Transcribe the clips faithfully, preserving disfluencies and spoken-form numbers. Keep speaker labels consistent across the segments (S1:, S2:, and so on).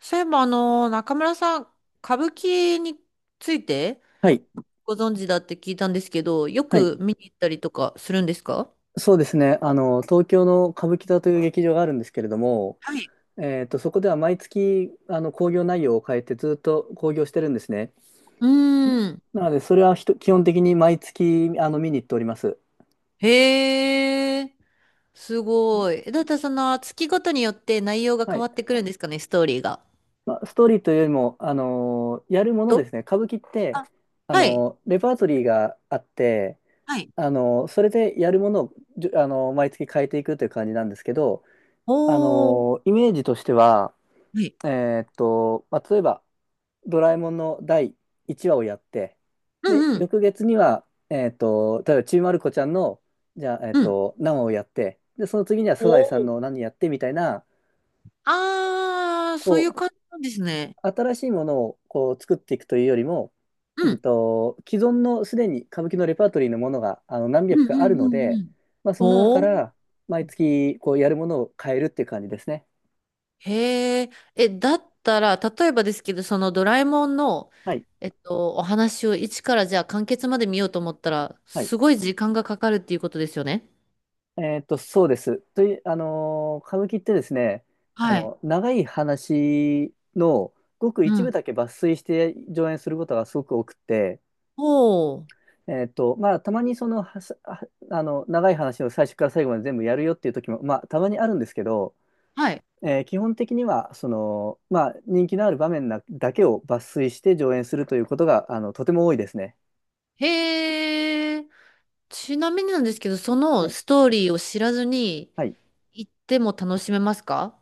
S1: そういえば、あの、中村さん、歌舞伎について
S2: はい。
S1: ご存知だって聞いたんですけど、よ
S2: はい。
S1: く見に行ったりとかするんですか？
S2: そうですね。あの、東京の歌舞伎座という劇場があるんですけれども、
S1: はい。
S2: えっと、そこでは毎月、あの、興行内容を変えてずっと興行してるんですね。
S1: うーん。
S2: なので、それはひと基本的に毎月、あの、見に行っております。
S1: へえ、すごい。えだってその月ごとによって内容が
S2: は
S1: 変
S2: い。
S1: わってくるんですかね、ストーリーが。
S2: まあ、ストーリーというよりも、あの、やるもので
S1: と
S2: すね。歌舞伎って、
S1: あ、
S2: あ
S1: はい。
S2: の、レパートリーがあって、
S1: はい。
S2: あの、それでやるものを、じゅあの、毎月変えていくという感じなんですけど、あ
S1: おー。
S2: の、イメージとしては、
S1: はい。
S2: えーっと、まあ、例えば、ドラえもんのだいいちわをやって、
S1: う
S2: で、
S1: んうん。
S2: 翌月には、えっと、例えば、ちびまる子ちゃんの、じゃあ、えっ
S1: うん。
S2: と、何話をやって、で、その次には
S1: お
S2: サザエさん
S1: ー
S2: の何やってみたいな、
S1: あー、そういう
S2: こ
S1: 感じなんですね。
S2: う、新しいものをこう作っていくというよりも、
S1: う
S2: うん
S1: ん。
S2: と、既存のすでに歌舞伎のレパートリーのものがあの何
S1: う
S2: 百
S1: んう
S2: かある
S1: ん
S2: の
S1: うんう
S2: で、
S1: ん。
S2: まあ、その中か
S1: ほー。
S2: ら毎月こうやるものを変えるっていう感じですね。
S1: へえ、え、だったら、例えばですけど、そのドラえもんの、
S2: はい。
S1: えっと、お話を一からじゃあ完結まで見ようと思ったら、
S2: はい
S1: すごい時間がかかるっていうことですよね。
S2: えーっと、そうです。という、あのー歌舞伎ってですね、あ
S1: はい。
S2: の、長い話のごく
S1: う
S2: 一部
S1: ん。
S2: だけ抜粋して上演することがすごく多くて、
S1: おー
S2: えーっと、まあ、たまにその、はさはあの、長い話を最初から最後まで全部やるよっていう時も、まあ、たまにあるんですけど、
S1: はい。
S2: えー基本的には、その、まあ、人気のある場面なだけを抜粋して上演するということが、あの、とても多いですね。
S1: へえ、ちなみになんですけど、そ
S2: は
S1: の
S2: い。
S1: ストーリーを知らずに
S2: はい。
S1: 行っても楽しめますか？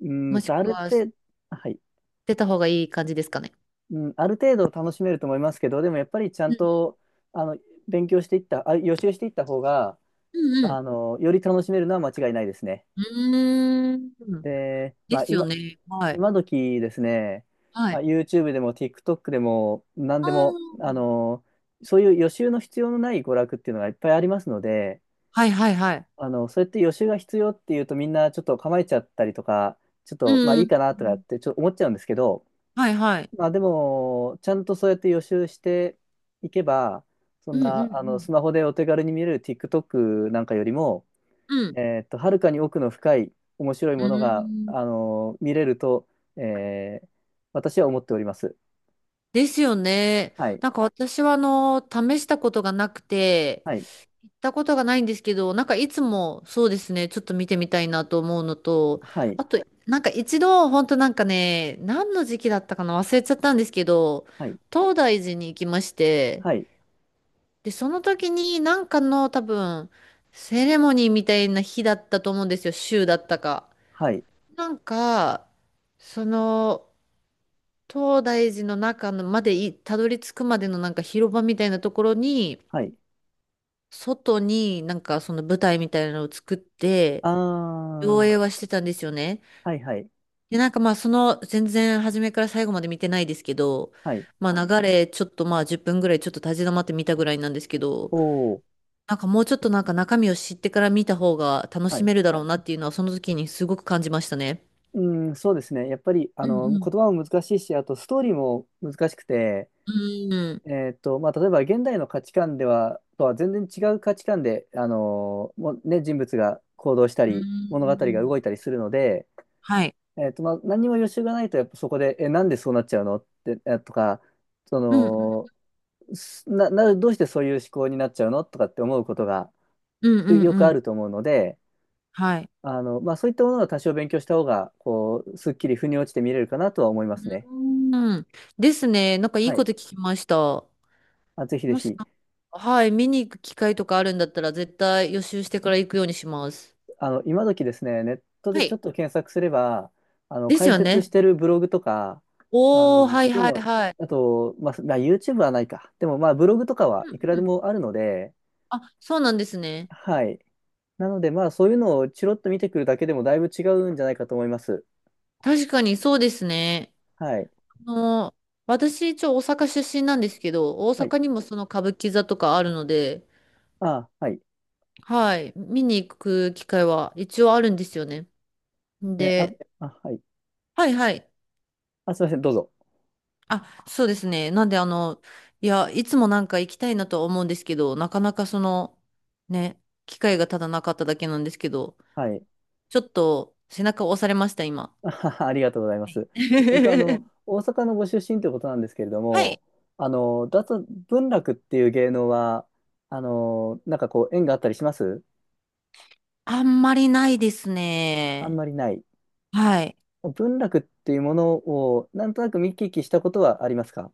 S2: うー
S1: も
S2: ん
S1: し
S2: と、あ
S1: く
S2: る
S1: は知っ
S2: 程度、はい。
S1: てた方がいい感じですかね。
S2: うん、ある程度楽しめると思いますけど、でもやっぱりちゃ
S1: う
S2: ん
S1: ん
S2: とあの勉強していった、あ、予習していった方が、
S1: うん
S2: あの、より楽しめるのは間違いないですね。
S1: うん。うーん。
S2: で、
S1: で
S2: まあ
S1: すよ
S2: 今、
S1: ね。はい。
S2: 今時ですね、
S1: は
S2: まあ、
S1: い。
S2: YouTube でも TikTok でも何
S1: あ
S2: でも、あ
S1: ー
S2: の、そういう予習の必要のない娯楽っていうのがいっぱいありますので、
S1: はいはいはい。
S2: あの、そうやって予習が必要っていうとみんなちょっと構えちゃったりとか、ちょっとまあい
S1: う
S2: い
S1: ん。
S2: かなとかってちょっと思っちゃうんですけど、
S1: はいはい。
S2: まあでも、ちゃんとそうやって予習していけば、そん
S1: うんう
S2: な、あの、
S1: ん
S2: スマホでお手軽に見れる TikTok なんかよりも、
S1: うん。うん。
S2: えーっと、はるかに奥の深い面白い
S1: う
S2: ものが、
S1: ん。
S2: あの、見れると、えー私は思っております。
S1: ですよね。
S2: はい。
S1: なんか私はあの、試したことがなくて、
S2: はい。
S1: 行ったことがないんですけど、なんかいつもそうですね、ちょっと見てみたいなと思うのと、
S2: はい。
S1: あと、なんか一度、本当なんかね、何の時期だったかな忘れちゃったんですけど、
S2: はい。
S1: 東大寺に行きまして、
S2: はい。
S1: で、その時になんかの多分、セレモニーみたいな日だったと思うんですよ、週だったか。
S2: はい。
S1: なんか、その、東大寺の中のまでいたどり着くまでのなんか広場みたいなところに、
S2: はい。
S1: 外になんかその舞台みたいなのを作って、
S2: あ
S1: 上映は
S2: ー。
S1: してたんですよね。
S2: はい。はい。
S1: で、なんかまあその全然初めから最後まで見てないですけど、
S2: はい。
S1: まあ流れちょっとまあじゅっぷんぐらいちょっと立ち止まって見たぐらいなんですけど、
S2: おー。
S1: なんかもうちょっとなんか中身を知ってから見た方が楽
S2: は
S1: し
S2: い。
S1: めるだろうなっていうのはその時にすごく感じましたね。
S2: うん、そうですね。やっぱり、あ
S1: うん
S2: の、言
S1: うん。
S2: 葉も難しいし、あと、ストーリーも難しくて、
S1: うん。
S2: えーっと、まあ、例えば現代の価値観では、とは全然違う価値観で、あのーもうね、人物が行動した
S1: う
S2: り、物語が動い
S1: ん。
S2: たりするので、
S1: はい。
S2: えーっと、まあ、何にも予習がないと、やっぱそこで、え、なんでそうなっちゃうのって、えとか、そ
S1: うん、
S2: の、すな、な、どうしてそういう思考になっちゃうのとかって思うことが
S1: うん、うん、
S2: よよく
S1: うん。
S2: あると思うので、
S1: はい。
S2: あの、まあ、そういったものは多少勉強した方が、こう、すっきり腑に落ちて見れるかなとは思いますね。
S1: うん。ですね。なんかいい
S2: は
S1: こ
S2: い。
S1: と聞きました。
S2: あ、ぜひぜ
S1: もし、
S2: ひ。
S1: はい、見に行く機会とかあるんだったら、絶対予習してから行くようにします。
S2: あの、今時ですね、ネット
S1: は
S2: でちょっ
S1: い。
S2: と検索すれば、あの、
S1: です
S2: 解
S1: よ
S2: 説し
S1: ね。
S2: てるブログとか、あ
S1: おー、
S2: の、
S1: は
S2: そ
S1: い、
S2: ういう
S1: はい、
S2: の、
S1: はい。
S2: あと、まあ、まあ YouTube はないか。でも、まあ、ブログとかは
S1: う
S2: いくら
S1: んう
S2: で
S1: ん。
S2: もあるので、
S1: あ、そうなんですね。
S2: はい。なので、まあ、そういうのをチロッと見てくるだけでもだいぶ違うんじゃないかと思います。
S1: 確かにそうですね。
S2: はい。
S1: あの、私、一応大阪出身なんですけど、大
S2: はい。
S1: 阪にもその歌舞伎座とかあるので、
S2: あ、はい。
S1: はい、見に行く機会は一応あるんですよね。
S2: え、あ、
S1: で、
S2: あ、はい。
S1: はいはい。
S2: あ、すいません。どうぞ。
S1: あ、そうですね。なんで、あの、いや、いつもなんか行きたいなとは思うんですけど、なかなかその、ね、機会がただなかっただけなんですけど、
S2: はい。
S1: ちょっと背中を押されました、今。
S2: あははありがとうございま
S1: はい。
S2: す。それとあの 大阪のご出身ということなんですけれど
S1: はい。
S2: も、あの脱文楽っていう芸能はあのなんかこう縁があったりします？
S1: あんまりないです
S2: あん
S1: ね。
S2: まりない。
S1: はい。
S2: 文楽っていうものをなんとなく見聞きしたことはありますか？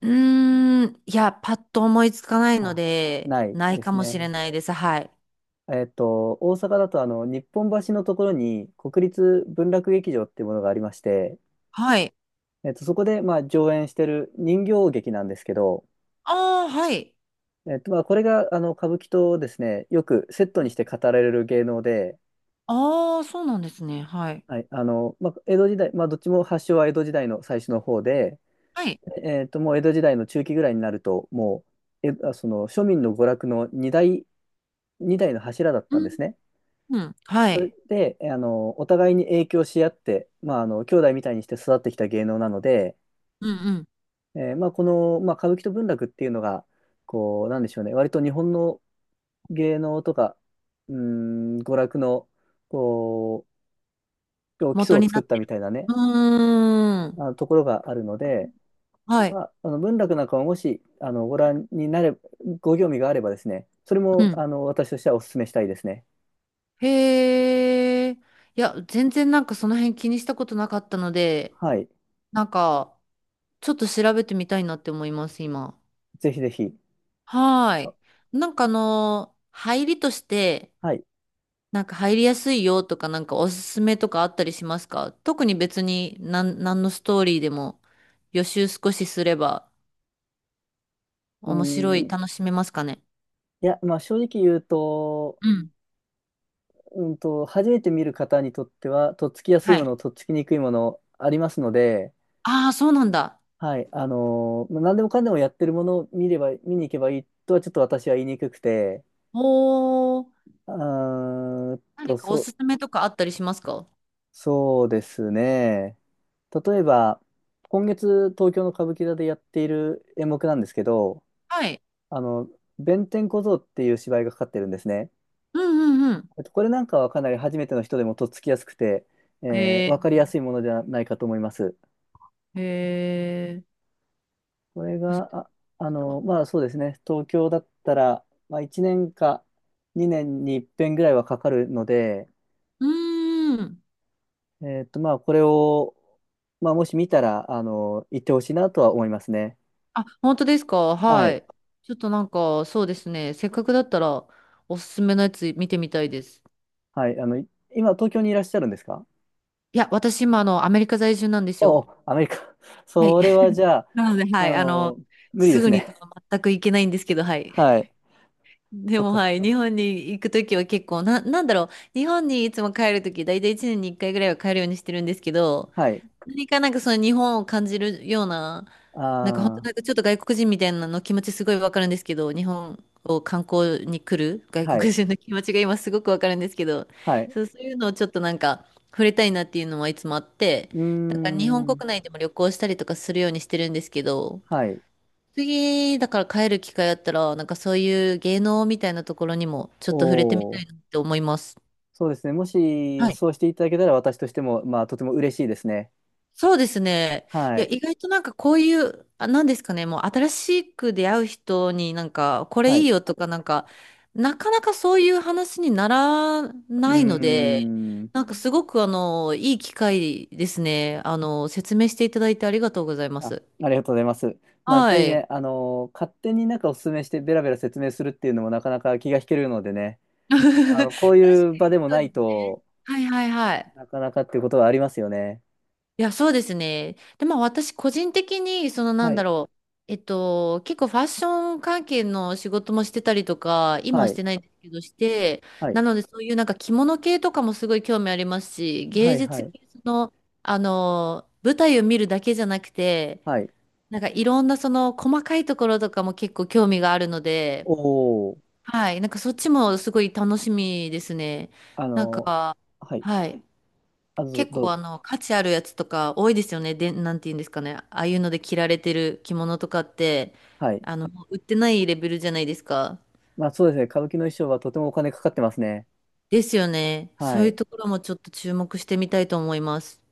S1: うーん、いや、パッと思いつかないの
S2: あ、
S1: で、
S2: ない
S1: ない
S2: で
S1: か
S2: す
S1: もしれ
S2: ね。
S1: ないです。はい。
S2: えっと大阪だとあの日本橋のところに国立文楽劇場っていうものがありまして、
S1: はい。
S2: えっとそこでまあ上演してる人形劇なんですけど。
S1: ああ、はい。
S2: えっと、まあ、これが、あの、歌舞伎とですね、よくセットにして語られる芸能で、
S1: ああ、そうなんですね。はい。
S2: はい、あの、まあ、江戸時代、まあ、どっちも発祥は江戸時代の最初の方で、
S1: はい。
S2: えっと、もう江戸時代の中期ぐらいになると、もう、え、あその、庶民の娯楽の二大、二大の柱だっ
S1: う
S2: たんで
S1: ん、
S2: すね。
S1: うん。は
S2: それ
S1: い。
S2: で、えあの、お互いに影響し合って、まあ、あの、兄弟みたいにして育ってきた芸能なので、
S1: うんうん。
S2: えーまあ、この、まあ、歌舞伎と文楽っていうのが、こう、なんでしょうね、割と日本の芸能とか、うーん、娯楽の、こう、基礎
S1: 元
S2: を
S1: に
S2: 作
S1: な
S2: ったみたいなね、
S1: うー
S2: あ
S1: ん。
S2: のところがあるので、
S1: はい。
S2: まあ、あの文楽なんかももし、あの、ご覧になれ、ご興味があればですね、それ
S1: う
S2: も、
S1: ん。
S2: あの、私としてはお勧めしたいですね。
S1: へえ。いや、全然なんかその辺気にしたことなかったので、
S2: はい。
S1: なんか、ちょっと調べてみたいなって思います、今。
S2: ぜひぜひ。
S1: はー
S2: あ
S1: い。なんかあのー、入りとして、
S2: はい。
S1: なんか入りやすいよとか、なんかおすすめとかあったりしますか？特に別に、なん、何のストーリーでも予習少しすれば
S2: うー
S1: 面白い、
S2: ん。
S1: 楽しめますかね？
S2: いや、まあ、正直言うと、
S1: うん。
S2: うんと、初めて見る方にとっては、とっつきやすい
S1: は
S2: も
S1: い。
S2: の、とっつきにくいもの、ありますので、
S1: ああ、そうなんだ。
S2: はい、あのーまあ何でもかんでもやってるものを見れば、見に行けばいいとはちょっと私は言いにくくて、
S1: おー。
S2: うーんと、
S1: 何かお
S2: そ、
S1: すすめとかあったりしますか？
S2: そうですね。例えば、今月東京の歌舞伎座でやっている演目なんですけど、
S1: はい。
S2: あの、弁天小僧っていう芝居がかかってるんですね。
S1: うんうんうん。
S2: えっとこれなんかはかなり初めての人でもとっつきやすくて、えー
S1: へ
S2: わ
S1: え、
S2: かりやすいものじゃないかと思います。
S1: へえ、
S2: これ
S1: 初め
S2: が、
S1: て
S2: あ、あ
S1: 聞いた。
S2: の、
S1: う
S2: まあそうですね、東京だったら、まあ、いちねんかにねんに一遍ぐらいはかかるので、
S1: ーん。
S2: えっと、まあこれを、まあ、もし見たら、あの、行ってほしいなとは思いますね。
S1: あ、本当ですか？
S2: は
S1: は
S2: い。
S1: い。ちょっとなんか、そうですね。せっかくだったら、おすすめのやつ見てみたいです。
S2: はい。あの、い今、東京にいらっしゃるんですか？
S1: いや、私今、あの、アメリカ在住なんです
S2: お
S1: よ。
S2: お、アメリカ。
S1: はい。
S2: それはじ ゃあ、
S1: なので、は
S2: あ
S1: い。あの、
S2: の、無理で
S1: す
S2: す
S1: ぐにと
S2: ね。
S1: は全く行けないんですけど、はい。
S2: はい。
S1: で
S2: そっ
S1: も、
S2: かそっ
S1: はい。
S2: か。
S1: 日本に行くときは結構、な、なんだろう。日本にいつも帰るとき、だいたいいちねんにいっかいぐらいは帰るようにしてるんですけど、
S2: はい。
S1: 何かなんかその日本を感じるような、なんか本当
S2: ああ、
S1: なんかちょっと外国人みたいなの気持ちすごいわかるんですけど、日本を観光に来る外
S2: はい。
S1: 国人の気持ちが今すごくわかるんですけど、
S2: はい。
S1: そう、そういうのをちょっとなんか触れたいなっていうのはいつもあって、
S2: うー
S1: だから日本国
S2: ん。
S1: 内でも旅行したりとかするようにしてるんですけど、
S2: はい。
S1: 次だから帰る機会あったら、なんかそういう芸能みたいなところにもちょっ
S2: お
S1: と触れてみた
S2: お。
S1: いなって思います。
S2: そうですね。もし、
S1: はい。
S2: そうしていただけたら、私としても、まあ、とても嬉しいですね。
S1: そうですね。
S2: は
S1: いや、
S2: い。
S1: 意外となんかこういう、あ、なんですかね、もう新しく出会う人になんか、これ
S2: は
S1: いい
S2: い。
S1: よとかなんか、なかなかそういう話になら
S2: うー
S1: ないので、
S2: ん。
S1: なんかすごくあの、いい機会ですね。あの、説明していただいてありがとうございま
S2: あ、
S1: す。
S2: ありがとうございます。まあ、やっぱ
S1: は
S2: り
S1: い。
S2: ね、あの勝手になんかお勧めして、ベラベラ説明するっていうのもなかなか気が引けるのでね、
S1: 確
S2: あ
S1: か
S2: の、こういう場で
S1: に
S2: も
S1: そ
S2: な
S1: うで
S2: い
S1: すね。
S2: と
S1: はいはいはい。
S2: なかなかっていうことはありますよね。
S1: いや、そうですね。で、まあ私個人的に、そのな
S2: は
S1: ん
S2: い。
S1: だろう、えっと、結構ファッション関係の仕事もしてたりとか、今
S2: は
S1: はし
S2: い。
S1: てないんですけどして、
S2: はい。
S1: なのでそういうなんか着物系とかもすごい興味ありますし、
S2: は
S1: 芸
S2: い。は
S1: 術系
S2: い。
S1: の、あの、舞台を見るだけじゃなくて、
S2: はい。
S1: なんかいろんなその細かいところとかも結構興味があるので、
S2: おお、
S1: はい、なんかそっちもすごい楽しみですね。
S2: あ
S1: なん
S2: の
S1: か、
S2: はい。
S1: はい。
S2: あ、どうぞ、
S1: 結
S2: どう
S1: 構
S2: ぞ。
S1: あの、価値あるやつとか多いですよね。で、なんて言うんですかね。ああいうので着られてる着物とかって、
S2: はい。
S1: あの、もう売ってないレベルじゃないですか。
S2: まあ、そうですね。歌舞伎の衣装はとてもお金かかってますね。
S1: ですよね。そ
S2: は
S1: ういう
S2: い。
S1: ところもちょっと注目してみたいと思います。